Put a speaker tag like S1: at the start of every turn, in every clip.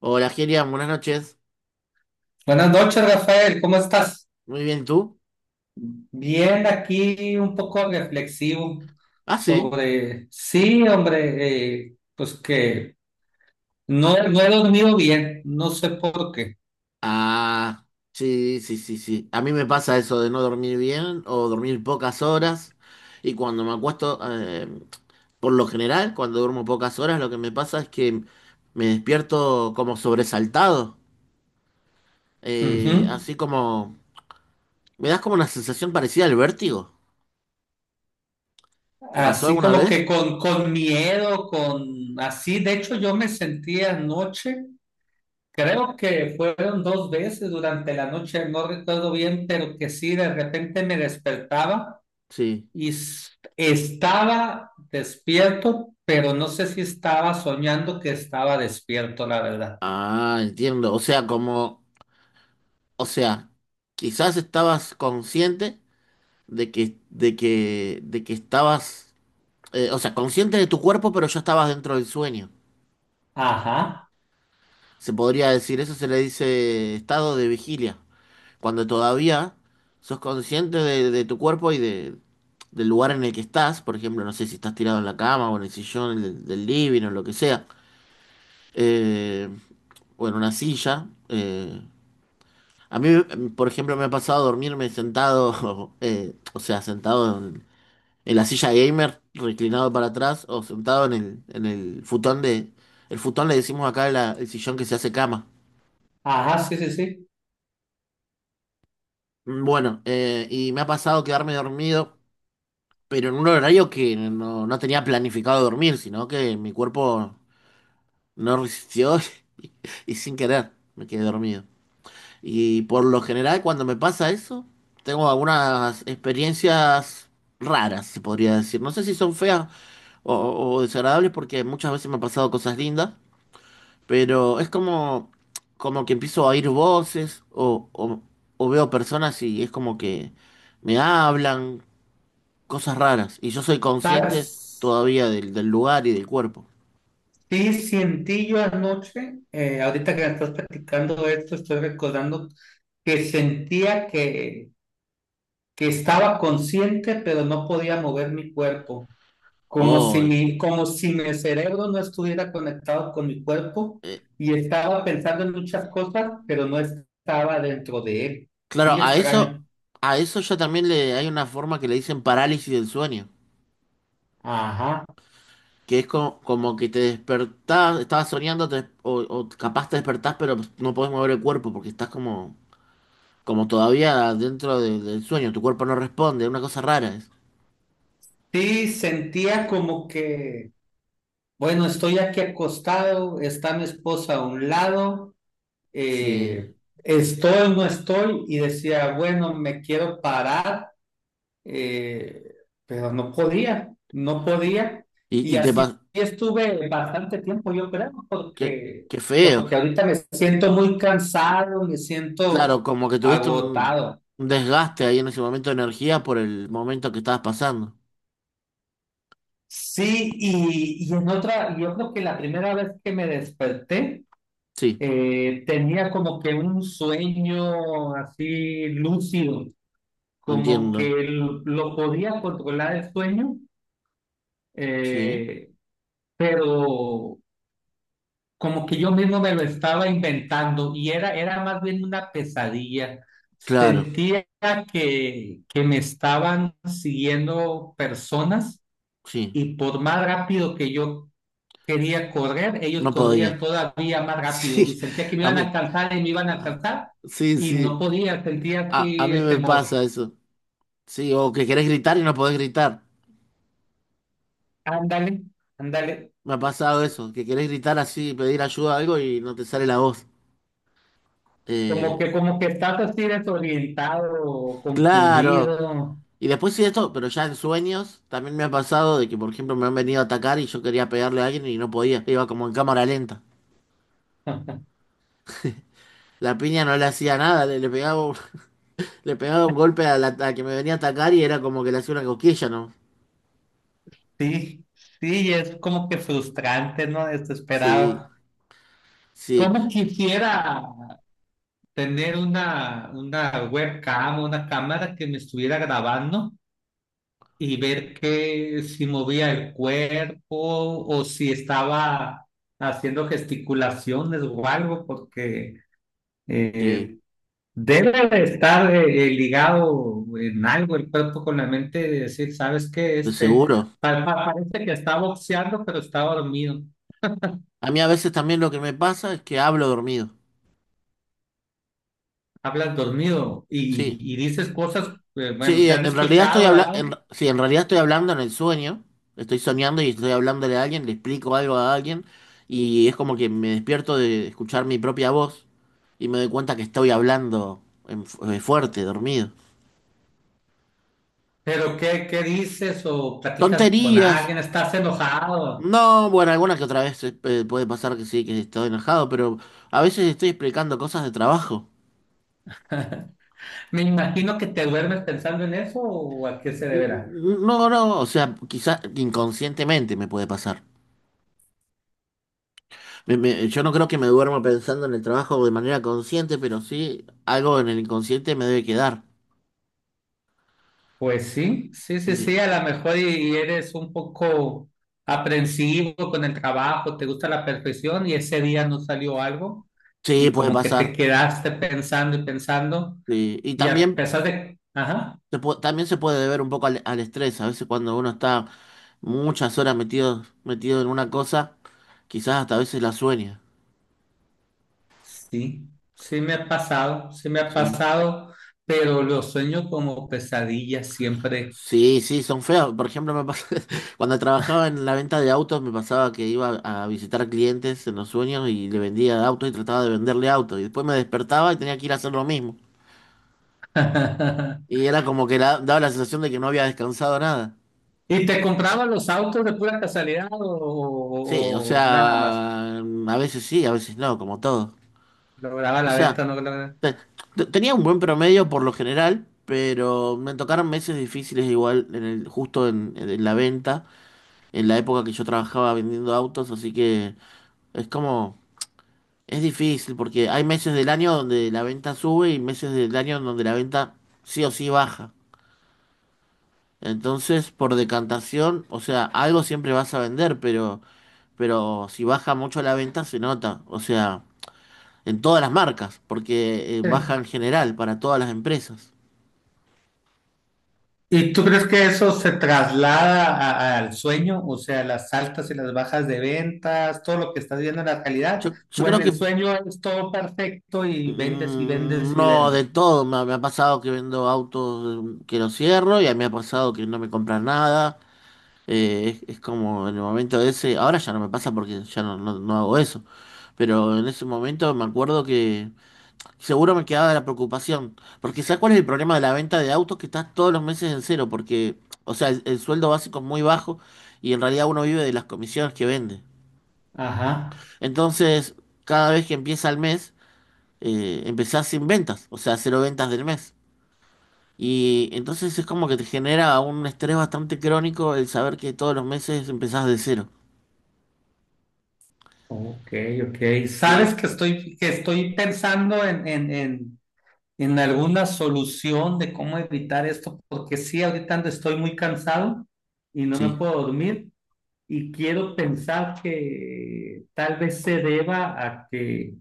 S1: Hola, Gerian, buenas noches.
S2: Buenas noches, Rafael, ¿cómo estás?
S1: Muy bien, ¿y tú?
S2: Bien, aquí un poco reflexivo
S1: Ah, sí.
S2: sobre, sí, hombre, pues que no, no he dormido bien, no sé por qué.
S1: Ah, sí, sí, sí, sí. A mí me pasa eso de no dormir bien o dormir pocas horas. Y cuando me acuesto, por lo general, cuando duermo pocas horas, lo que me pasa es que me despierto como sobresaltado.
S2: Ujú.
S1: Así como... Me das como una sensación parecida al vértigo. ¿Te pasó
S2: Así
S1: alguna
S2: como que
S1: vez?
S2: con miedo, con así, de hecho yo me sentí anoche, creo que fueron dos veces durante la noche, no recuerdo bien, pero que sí, de repente me despertaba.
S1: Sí.
S2: Y estaba despierto, pero no sé si estaba soñando que estaba despierto, la verdad.
S1: Ah, entiendo. O sea, como... O sea, quizás estabas consciente de que estabas, o sea, consciente de tu cuerpo, pero ya estabas dentro del sueño.
S2: Ajá,
S1: Se podría decir, eso se le dice estado de vigilia, cuando todavía sos consciente de tu cuerpo y del lugar en el que estás, por ejemplo, no sé si estás tirado en la cama o en el sillón del living o lo que sea, eh, o en una silla. A mí, por ejemplo, me ha pasado dormirme sentado, o sea, en la silla gamer, reclinado para atrás o sentado en en el futón de... El futón le decimos acá el sillón que se hace cama.
S2: ajá, sí, sí, sí.
S1: Bueno, y me ha pasado quedarme dormido, pero en un horario que no tenía planificado dormir, sino que mi cuerpo no resistió y, y sin querer me quedé dormido. Y por lo general cuando me pasa eso, tengo algunas experiencias raras, se podría decir. No sé si son feas o desagradables porque muchas veces me han pasado cosas lindas. Pero es como, como que empiezo a oír voces o veo personas y es como que me hablan, cosas raras. Y yo soy
S2: Ta-
S1: consciente todavía del lugar y del cuerpo.
S2: Sí, sentí yo anoche, ahorita que me estás platicando esto, estoy recordando que sentía que estaba consciente, pero no podía mover mi cuerpo. como si
S1: Oh,
S2: mi, como si mi cerebro no estuviera conectado con mi cuerpo
S1: eh,
S2: y estaba pensando en muchas cosas, pero no estaba dentro de él.
S1: claro,
S2: Muy extraño.
S1: a eso ya también le hay una forma que le dicen parálisis del sueño.
S2: Ajá.
S1: Que es como, como que te despertás, estabas soñando o capaz te despertás pero no podés mover el cuerpo porque estás como, como todavía del sueño, tu cuerpo no responde, una cosa rara es.
S2: Sí, sentía como que, bueno, estoy aquí acostado, está mi esposa a un lado,
S1: Sí.
S2: eh, estoy, no estoy, y decía, bueno, me quiero parar eh, pero no podía, no podía. Y
S1: Y te
S2: así
S1: pasó.
S2: estuve bastante tiempo, yo creo,
S1: Qué,
S2: porque,
S1: qué feo.
S2: porque ahorita me siento muy cansado, me siento
S1: Claro, como que tuviste
S2: agotado.
S1: un desgaste ahí en ese momento de energía por el momento que estabas pasando.
S2: Sí, y en otra, yo creo que la primera vez que me desperté,
S1: Sí,
S2: tenía como que un sueño así lúcido, como que
S1: entiendo.
S2: lo podía controlar el sueño,
S1: Sí.
S2: eh, pero como que yo mismo me lo estaba inventando y era más bien una pesadilla.
S1: Claro,
S2: Sentía que me estaban siguiendo personas
S1: sí.
S2: y por más rápido que yo quería correr, ellos
S1: No podía.
S2: corrían todavía más rápido y
S1: Sí,
S2: sentía que me
S1: a
S2: iban a
S1: mí.
S2: alcanzar y me iban a
S1: a-
S2: alcanzar
S1: Sí,
S2: y no
S1: sí.
S2: podía, sentía
S1: A
S2: así
S1: mí
S2: el
S1: me
S2: temor.
S1: pasa eso. Sí, o que querés gritar y no podés gritar.
S2: Ándale, ándale.
S1: Me ha pasado eso, que querés gritar así, pedir ayuda a algo y no te sale la voz.
S2: Como
S1: Eh,
S2: que, como que estás así desorientado,
S1: claro.
S2: confundido.
S1: Y después sí esto, pero ya en sueños también me ha pasado de que, por ejemplo, me han venido a atacar y yo quería pegarle a alguien y no podía. Iba como en cámara lenta. La piña no le hacía nada, le pegaba, le pegaba un golpe a la a que me venía a atacar y era como que le hacía una cosquilla, ¿no?
S2: Sí, sí, es como que frustrante, ¿no?
S1: Sí,
S2: Desesperado.
S1: sí,
S2: ¿Cómo quisiera tener una webcam, una cámara que me estuviera grabando y ver que si movía el cuerpo o si estaba haciendo gesticulaciones o algo? Porque
S1: sí,
S2: eh, debe de estar ligado en algo el cuerpo con la mente, de decir, ¿sabes qué?
S1: de
S2: Este
S1: seguro.
S2: parece que está boxeando, pero está dormido.
S1: A mí a veces también lo que me pasa es que hablo dormido.
S2: Hablas dormido
S1: Sí,
S2: y dices cosas, bueno,
S1: sí,
S2: te han
S1: en realidad
S2: escuchado grabado,
S1: sí, en realidad estoy hablando en el sueño. Estoy soñando y estoy hablándole a alguien, le explico algo a alguien y es como que me despierto de escuchar mi propia voz. Y me doy cuenta que estoy fuerte, dormido.
S2: pero ¿qué dices o platicas con
S1: Tonterías.
S2: alguien? ¿Estás enojado?
S1: No, bueno, alguna que otra vez puede pasar que sí, que estoy enojado, pero a veces estoy explicando cosas de trabajo.
S2: Me imagino que te duermes pensando en eso o a qué se deberá.
S1: No, no, o sea, quizás inconscientemente me puede pasar. Yo no creo que me duerma pensando en el trabajo de manera consciente, pero sí algo en el inconsciente me debe quedar.
S2: Pues sí, sí, sí, sí,
S1: Sí,
S2: a lo mejor y eres un poco aprensivo con el trabajo, te gusta la perfección y ese día no salió algo
S1: sí,
S2: y
S1: puede
S2: como que te
S1: pasar.
S2: quedaste pensando y pensando
S1: Sí. Y
S2: y a
S1: también
S2: pesar de. Ajá.
S1: También se puede deber un poco al estrés. A veces cuando uno está muchas horas metido en una cosa, quizás hasta a veces la sueña.
S2: Sí, sí me ha pasado, sí me ha
S1: Sí.
S2: pasado, pero lo sueño como pesadilla siempre.
S1: Sí, sí, son feas. Por ejemplo, cuando trabajaba en la venta de autos, me pasaba que iba a visitar clientes en los sueños y le vendía autos y trataba de venderle autos. Y después me despertaba y tenía que ir a hacer lo mismo. Y era como que daba la sensación de que no había descansado nada.
S2: ¿Y te compraba los autos de pura casualidad o,
S1: Sí, o
S2: o- o nada más?
S1: sea, a veces sí, a veces no, como todo.
S2: ¿Lograba
S1: O
S2: la venta?
S1: sea.
S2: ¿No lograba?
S1: Te- Tenía un buen promedio por lo general, pero me tocaron meses difíciles igual en el, justo en la venta, en la época que yo trabajaba vendiendo autos, así que es como, es difícil porque hay meses del año donde la venta sube y meses del año donde la venta sí o sí baja. Entonces, por decantación, o sea, algo siempre vas a vender, pero si baja mucho la venta se nota, o sea, en todas las marcas, porque baja
S2: Sí.
S1: en general para todas las empresas.
S2: ¿Y tú crees que eso se traslada al sueño? O sea, las altas y las bajas de ventas, todo lo que estás viendo en la realidad,
S1: Yo
S2: o en
S1: creo
S2: el
S1: que
S2: sueño es todo perfecto y vendes y vendes y
S1: no
S2: vendes.
S1: de todo. Me ha pasado que vendo autos que los cierro y a mí me ha pasado que no me compran nada. Es como en el momento ese. Ahora ya no me pasa porque no hago eso. Pero en ese momento me acuerdo que seguro me quedaba la preocupación. Porque ¿sabes cuál es el problema de la venta de autos? Que estás todos los meses en cero. Porque, o sea, el sueldo básico es muy bajo y en realidad uno vive de las comisiones que vende.
S2: Ajá.
S1: Entonces, cada vez que empieza el mes. Empezás sin ventas, o sea, cero ventas del mes. Y entonces es como que te genera un estrés bastante crónico el saber que todos los meses empezás de cero.
S2: Ok, ok.
S1: Sí,
S2: Sabes que estoy pensando en alguna solución de cómo evitar esto, porque sí, ahorita estoy muy cansado y no me
S1: sí,
S2: puedo dormir y quiero pensar que tal vez se deba a que,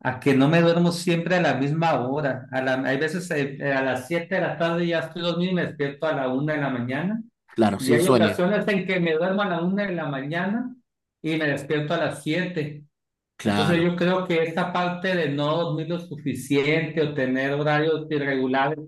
S2: a que no me duermo siempre a la misma hora. Hay veces, a las 7 de la tarde ya estoy dormido y me despierto a la 1 de la mañana
S1: claro,
S2: y
S1: sin
S2: hay
S1: sueño,
S2: ocasiones en que me duermo a la 1 de la mañana y me despierto a las 7. Entonces
S1: claro.
S2: yo creo que esta parte de no dormir lo suficiente o tener horarios irregulares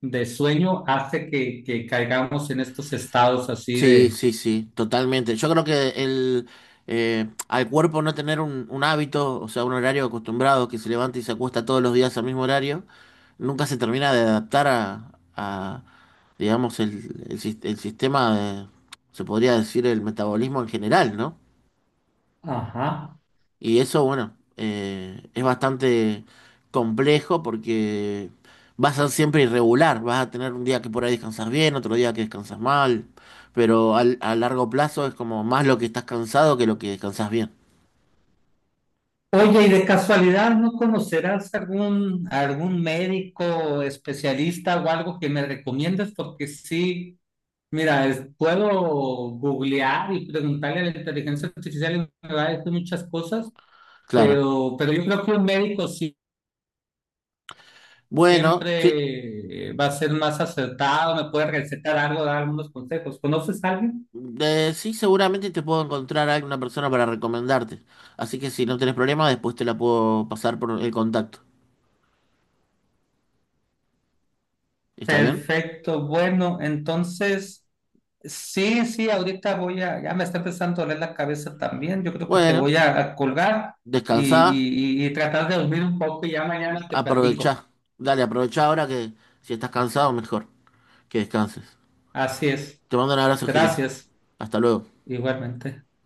S2: de sueño hace que caigamos en estos estados así
S1: Sí,
S2: de.
S1: sí, sí, totalmente. Yo creo que al cuerpo no tener un hábito, o sea, un horario acostumbrado que se levanta y se acuesta todos los días al mismo horario, nunca se termina de adaptar a, digamos, el sistema de, se podría decir, el metabolismo en general, ¿no?
S2: Ajá.
S1: Y eso, bueno, es bastante complejo porque va a ser siempre irregular, vas a tener un día que por ahí descansas bien, otro día que descansas mal, pero a largo plazo es como más lo que estás cansado que lo que descansas bien.
S2: Oye, y de casualidad, ¿no conocerás algún médico especialista o algo que me recomiendes? Porque sí, mira, puedo googlear y preguntarle a la inteligencia artificial y me va a decir muchas cosas,
S1: Claro.
S2: pero yo creo que un médico sí
S1: Bueno, sí,
S2: siempre va a ser más acertado, me puede recetar algo, dar algunos consejos. ¿Conoces a alguien?
S1: sí, seguramente te puedo encontrar a alguna persona para recomendarte. Así que si no tenés problema, después te la puedo pasar por el contacto. ¿Está bien?
S2: Perfecto, bueno, entonces, sí, sí, ahorita ya me está empezando a doler la cabeza también, yo creo que te
S1: Bueno,
S2: voy a colgar y,
S1: descansá,
S2: y, y- y tratar de dormir un poco y ya mañana te
S1: aprovechá.
S2: platico.
S1: Dale, aprovechá ahora que si estás cansado, mejor. Que descanses.
S2: Así es,
S1: Te mando un abrazo, Girian.
S2: gracias,
S1: Hasta luego.
S2: igualmente.